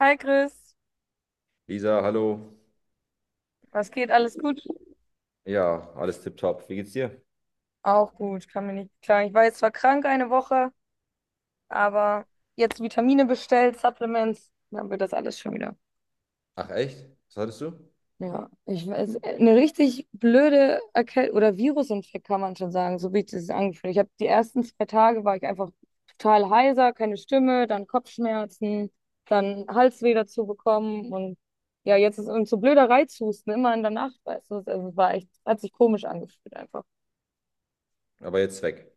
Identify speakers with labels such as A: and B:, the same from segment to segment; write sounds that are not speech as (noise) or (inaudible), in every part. A: Hi Chris,
B: Lisa, hallo.
A: was geht? Alles gut?
B: Ja, alles tipptopp. Wie geht's dir?
A: Auch gut, kann mir nicht klagen. Ich war jetzt zwar krank eine Woche, aber jetzt Vitamine bestellt, Supplements, dann wird das alles schon wieder.
B: Ach, echt? Was hattest du?
A: Ja, ich weiß, eine richtig blöde Erkältung oder Virusinfekt kann man schon sagen, so wie ich das angefühlt. Ich habe die ersten 2 Tage war ich einfach total heiser, keine Stimme, dann Kopfschmerzen, dann Halsweh dazu bekommen und ja, jetzt ist und so blöder Reizhusten immer in der Nacht, weißt du, also es war echt, hat sich komisch angefühlt einfach.
B: Aber jetzt weg.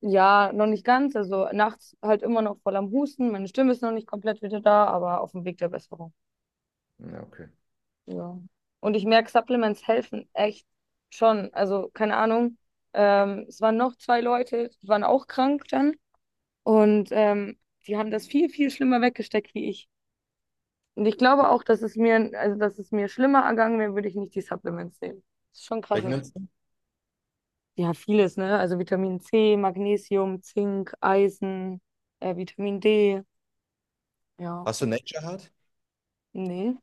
A: Ja, noch nicht ganz. Also nachts halt immer noch voll am Husten. Meine Stimme ist noch nicht komplett wieder da, aber auf dem Weg der Besserung.
B: Ja, okay.
A: Ja. Und ich merke, Supplements helfen echt schon. Also keine Ahnung. Es waren noch zwei Leute, die waren auch krank dann. Und die haben das viel, viel schlimmer weggesteckt wie ich. Und ich glaube auch, dass es mir, also dass es mir schlimmer ergangen wäre, würde ich nicht die Supplements nehmen. Das ist schon krass.
B: Welchen nimmst du?
A: Ja, vieles, ne? Also Vitamin C, Magnesium, Zink, Eisen, Vitamin D. Ja.
B: Hast du Nature Hard?
A: Nee.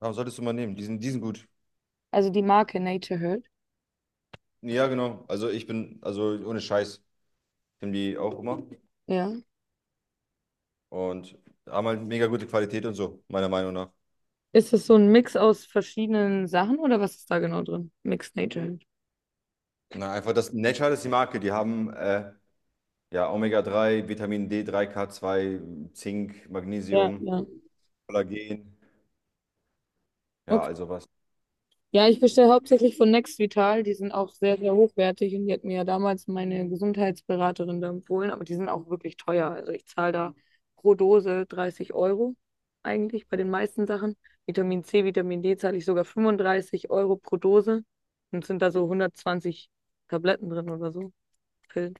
B: Warum solltest du mal nehmen? Die sind gut.
A: Also die Marke Nature Hurt.
B: Ja, genau. Also ich bin, also ohne Scheiß, nehmen die auch immer.
A: Ja.
B: Und haben halt mega gute Qualität und so, meiner Meinung nach.
A: Ist das so ein Mix aus verschiedenen Sachen oder was ist da genau drin? Mix Nature Herd.
B: Na, einfach das Nature Hard ist die Marke. Die haben ja omega drei, Vitamin d drei, k zwei, Zink,
A: Ja,
B: Magnesium,
A: ja.
B: Kollagen. Ja,
A: Okay.
B: also was.
A: Ja, ich bestelle hauptsächlich von Next Vital. Die sind auch sehr, sehr hochwertig und die hat mir ja damals meine Gesundheitsberaterin da empfohlen, aber die sind auch wirklich teuer. Also ich zahle da pro Dose 30 Euro eigentlich bei den meisten Sachen. Vitamin C, Vitamin D zahle ich sogar 35 Euro pro Dose und sind da so 120 Tabletten drin oder so. Pillen.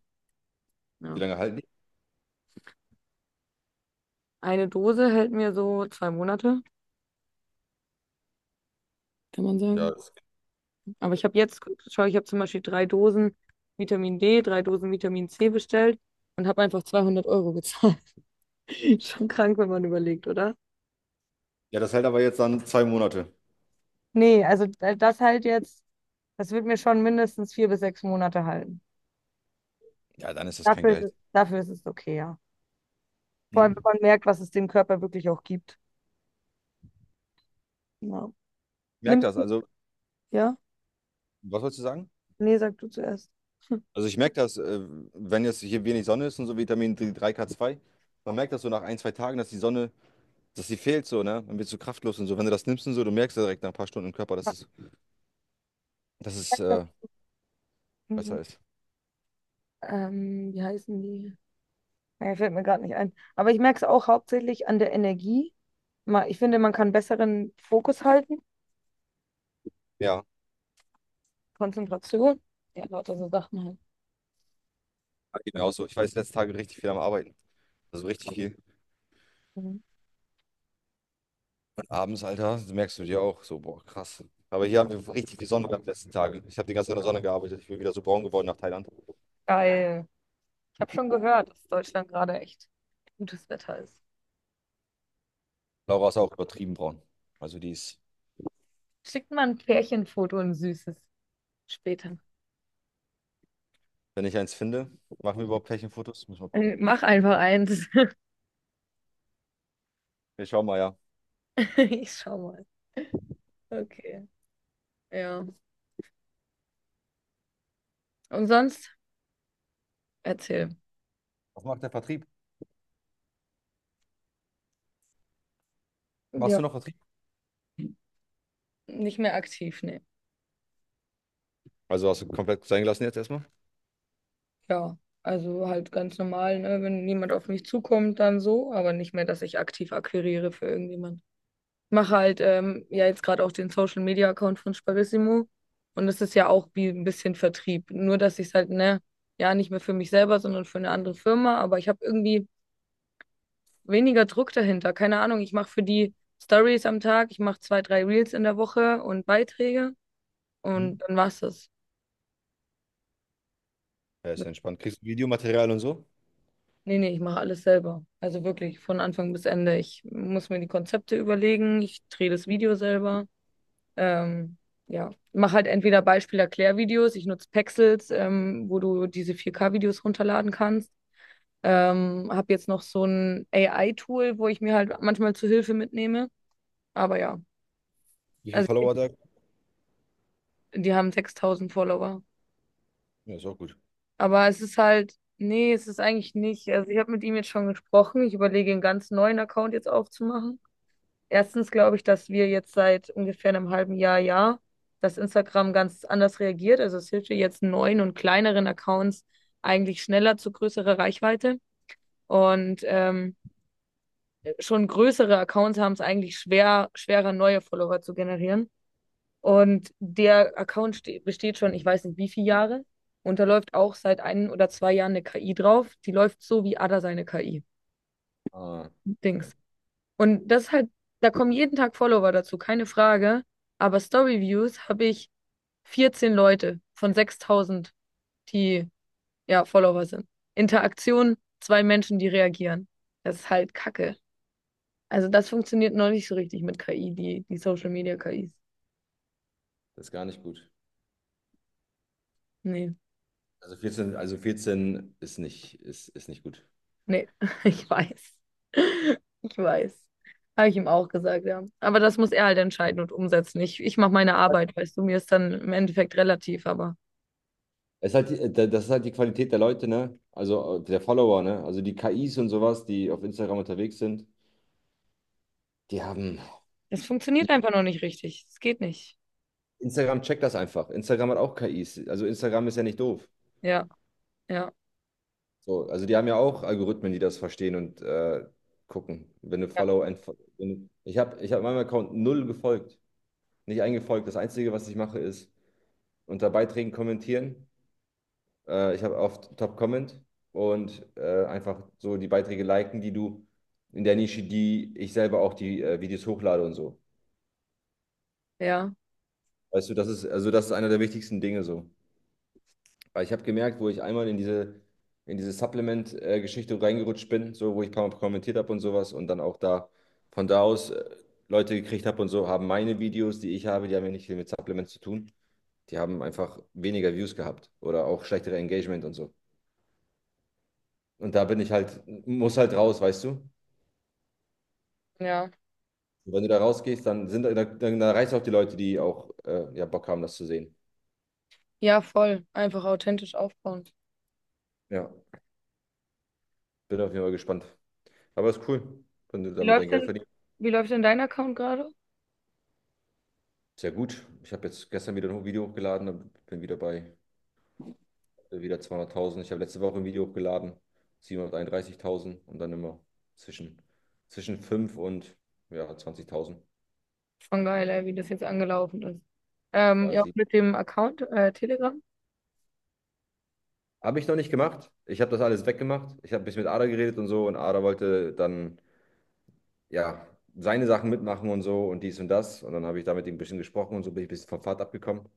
B: Wie
A: Ja.
B: lange halten die?
A: Eine Dose hält mir so 2 Monate, kann man
B: Ja,
A: sagen.
B: das,
A: Aber ich habe jetzt, schau, ich habe zum Beispiel drei Dosen Vitamin D, drei Dosen Vitamin C bestellt und habe einfach 200 Euro gezahlt. (laughs) Schon krank, wenn man überlegt, oder?
B: ja, das hält aber jetzt dann 2 Monate.
A: Nee, also das halt jetzt, das wird mir schon mindestens 4 bis 6 Monate halten.
B: Ja, dann ist das kein
A: Dafür ist
B: Geld.
A: es, dafür ist es okay, ja. Vor
B: Hm?
A: allem, wenn man merkt, was es dem Körper wirklich auch gibt. Ja.
B: Merk
A: Nimmst
B: das.
A: du?
B: Also,
A: Ja?
B: was wolltest du sagen?
A: Nee, sag du zuerst.
B: Also, ich merke das, wenn jetzt hier wenig Sonne ist und so Vitamin d drei k zwei, man merkt das so nach ein, zwei Tagen, dass die Sonne, dass die fehlt so, ne? Dann wird so kraftlos und so. Wenn du das nimmst und so, du merkst ja direkt nach ein paar Stunden im Körper, dass es
A: Mhm.
B: besser ist.
A: Wie heißen die? Ja, fällt mir gerade nicht ein. Aber ich merke es auch hauptsächlich an der Energie. Ich finde, man kann besseren Fokus halten,
B: Ja,
A: Konzentration. Ja, lauter so Sachen halt.
B: geht mir auch so. Ich weiß, letzte Tage richtig viel am Arbeiten. Also richtig viel.
A: Mhm.
B: Und abends, Alter, merkst du dir auch so, boah, krass. Aber hier haben wir richtig viel Sonne gehabt die letzten Tage. Ich habe die ganze Zeit in der Sonne gearbeitet. Ich bin wieder so braun geworden nach Thailand.
A: Geil. Ich habe schon gehört, dass Deutschland gerade echt gutes Wetter ist.
B: Laura ist auch übertrieben braun. Also die ist.
A: Schickt mal ein Pärchenfoto und ein süßes später.
B: Wenn ich eins finde, machen wir überhaupt Pärchenfotos? Müssen wir gucken.
A: Mach einfach eins. (laughs)
B: Wir schauen mal, ja.
A: Ich schau mal. Okay. Ja. Und sonst? Erzähl.
B: Was macht der Vertrieb? Machst
A: Ja.
B: du noch Vertrieb?
A: Nicht mehr aktiv, ne?
B: Also hast du komplett sein gelassen jetzt erstmal?
A: Ja, also halt ganz normal, ne? Wenn niemand auf mich zukommt, dann so, aber nicht mehr, dass ich aktiv akquiriere für irgendjemand. Mache halt ja jetzt gerade auch den Social Media Account von Sparissimo und das ist ja auch wie ein bisschen Vertrieb, nur dass ich es halt, ne, ja, nicht mehr für mich selber, sondern für eine andere Firma, aber ich habe irgendwie weniger Druck dahinter. Keine Ahnung, ich mache für die Stories am Tag, ich mache zwei, drei Reels in der Woche und Beiträge
B: Mhm.
A: und dann war's das.
B: Ja, ist ja entspannt. Kriegst du Videomaterial und so?
A: Nee, nee, ich mache alles selber. Also wirklich von Anfang bis Ende. Ich muss mir die Konzepte überlegen, ich drehe das Video selber. Ähm, ja, mache halt entweder Beispiel-Erklärvideos, ich nutze Pexels, wo du diese 4K-Videos runterladen kannst. Habe jetzt noch so ein AI-Tool, wo ich mir halt manchmal zu Hilfe mitnehme. Aber ja,
B: Wie viele
A: also
B: Follower da?
A: die haben 6000 Follower.
B: Ja, ist auch gut.
A: Aber es ist halt, nee, es ist eigentlich nicht. Also ich habe mit ihm jetzt schon gesprochen. Ich überlege, einen ganz neuen Account jetzt aufzumachen. Erstens glaube ich, dass wir jetzt seit ungefähr einem halben Jahr, ja, dass Instagram ganz anders reagiert. Also es hilft dir jetzt neuen und kleineren Accounts eigentlich schneller zu größerer Reichweite. Und schon größere Accounts haben es eigentlich schwer, schwerer, neue Follower zu generieren. Und der Account besteht schon, ich weiß nicht wie viele Jahre. Und da läuft auch seit ein oder zwei Jahren eine KI drauf. Die läuft so wie Ada seine KI-Dings.
B: Ah, okay.
A: Und das ist halt, da kommen jeden Tag Follower dazu, keine Frage. Aber Story-Views habe ich 14 Leute von 6000, die ja Follower sind. Interaktion, zwei Menschen, die reagieren. Das ist halt Kacke. Also das funktioniert noch nicht so richtig mit KI, die, die Social Media KIs.
B: Das ist gar nicht gut.
A: Nee,
B: Also 14, also 14 ist, nicht, ist nicht gut.
A: nee, (laughs) ich weiß. (laughs) Ich weiß. Habe ich ihm auch gesagt, ja. Aber das muss er halt entscheiden und umsetzen. Ich mache meine Arbeit, weißt du, mir ist dann im Endeffekt relativ, aber.
B: Es ist halt, das ist halt die Qualität der Leute, ne? Also der Follower, ne? Also die KIs und sowas, die auf Instagram unterwegs sind, die haben.
A: Das funktioniert einfach noch nicht richtig. Es geht nicht.
B: Instagram checkt das einfach. Instagram hat auch KIs. Also Instagram ist ja nicht doof.
A: Ja, ja,
B: So, also die haben ja auch Algorithmen, die das verstehen und gucken. Wenn du
A: ja,
B: Follow, entfo- wenn du, ich habe Ich hab meinem Account null gefolgt, nicht eingefolgt. Das Einzige, was ich mache, ist unter Beiträgen kommentieren. Ich habe auf Top Comment und einfach so die Beiträge liken, die du in der Nische, die ich selber auch die Videos hochlade und so.
A: ja,
B: Weißt du, das ist also das ist einer der wichtigsten Dinge so. Weil ich habe gemerkt, wo ich einmal in diese Supplement-Geschichte reingerutscht bin, so wo ich ein paar Mal kommentiert habe und sowas und dann auch da von da aus Leute gekriegt habe und so, haben meine Videos, die ich habe, die haben ja nicht viel mit Supplements zu tun. Die haben einfach weniger Views gehabt oder auch schlechtere Engagement und so. Und da bin ich halt, muss halt raus, weißt du? Und
A: ja.
B: wenn du da rausgehst, dann sind dann reißt auch die Leute, die auch ja, Bock haben, das zu sehen.
A: Ja, voll. Einfach authentisch aufbauen.
B: Ja, bin auf jeden Fall gespannt. Aber ist cool, wenn du
A: Wie
B: damit dein
A: läuft
B: Geld
A: denn,
B: verdienst.
A: wie läuft denn dein Account gerade?
B: Sehr gut. Ich habe jetzt gestern wieder noch ein Video hochgeladen und bin wieder bei wieder 200.000. Ich habe letzte Woche ein Video hochgeladen, 731.000 und dann immer zwischen, zwischen 5 und ja, 20.000.
A: Schon geil, ey, wie das jetzt angelaufen ist. Ähm,
B: Ja,
A: ja, auch
B: sie
A: mit dem Account, Telegram.
B: habe ich noch nicht gemacht. Ich habe das alles weggemacht. Ich habe ein bisschen mit Ada geredet und so und Ada wollte dann ja seine Sachen mitmachen und so und dies und das. Und dann habe ich da mit ihm ein bisschen gesprochen und so bin ich ein bisschen vom Pfad abgekommen.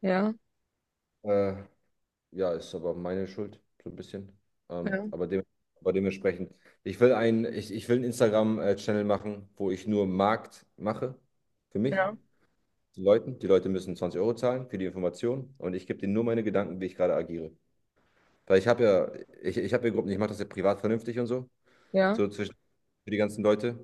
A: Ja,
B: Äh, Ja, ist aber meine Schuld, so ein bisschen. Ähm,
A: ja,
B: aber, dem, Dementsprechend, ich will einen Instagram-Channel machen, wo ich nur Markt mache für mich,
A: ja,
B: die Leuten. Die Leute müssen 20 Euro zahlen für die Information und ich gebe denen nur meine Gedanken, wie ich gerade agiere. Weil ich habe ja Gruppen, ich mache das ja privat vernünftig und so,
A: ja,
B: so zwischen für die ganzen Leute.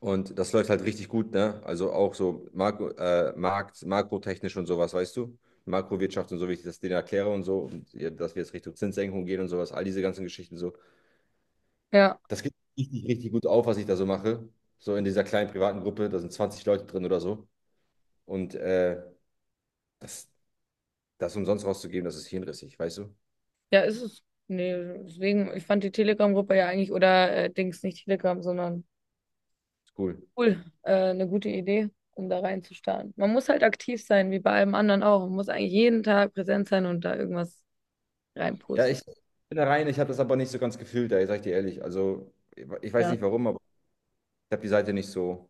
B: Und das läuft halt richtig gut, ne? Also auch so Makro, Markt, makrotechnisch und sowas, weißt du? Makrowirtschaft und so, wie ich das denen erkläre und so, und ja, dass wir jetzt Richtung Zinssenkung gehen und sowas, all diese ganzen Geschichten so.
A: ja.
B: Das geht richtig, richtig gut auf, was ich da so mache. So in dieser kleinen privaten Gruppe, da sind 20 Leute drin oder so. Und das, das umsonst rauszugeben, das ist hirnrissig, weißt du?
A: Ja, ist es. Nee, deswegen, ich fand die Telegram-Gruppe ja eigentlich, oder Dings, nicht Telegram, sondern
B: Ist cool.
A: Cool, eine gute Idee, um da reinzustarten. Man muss halt aktiv sein, wie bei allem anderen auch. Man muss eigentlich jeden Tag präsent sein und da irgendwas
B: Ja,
A: reinposten.
B: ich bin da rein, ich habe das aber nicht so ganz gefühlt, da sage ich dir ehrlich. Also, ich weiß
A: Ja,
B: nicht warum, aber ich habe die Seite nicht so.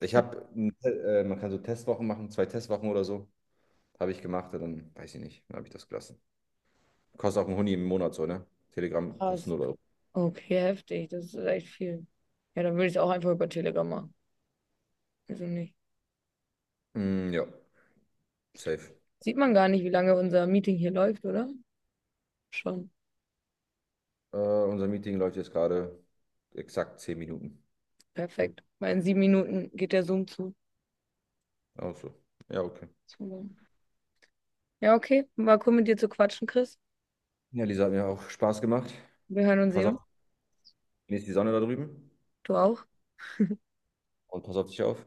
B: Ich habe, Man kann so Testwochen machen, zwei Testwochen oder so, habe ich gemacht und dann weiß ich nicht, dann habe ich das gelassen. Kostet auch ein Huni im Monat so, ne? Telegram kostet
A: krass.
B: 0 Euro.
A: Okay, heftig. Das ist echt viel. Ja, dann würde ich es auch einfach über Telegram machen. Wieso nicht?
B: Mm, ja, safe.
A: Sieht man gar nicht, wie lange unser Meeting hier läuft, oder? Schon.
B: Unser Meeting läuft jetzt gerade exakt 10 Minuten.
A: Perfekt. Weil in 7 Minuten geht der Zoom zu.
B: Auch so. Ja, okay.
A: So. Ja, okay. War cool mit dir zu quatschen, Chris.
B: Ja, Lisa, hat mir auch Spaß gemacht.
A: Wir hören und
B: Pass
A: sehen uns.
B: auf, genieß die Sonne da drüben
A: Du auch.
B: und pass auf dich auf.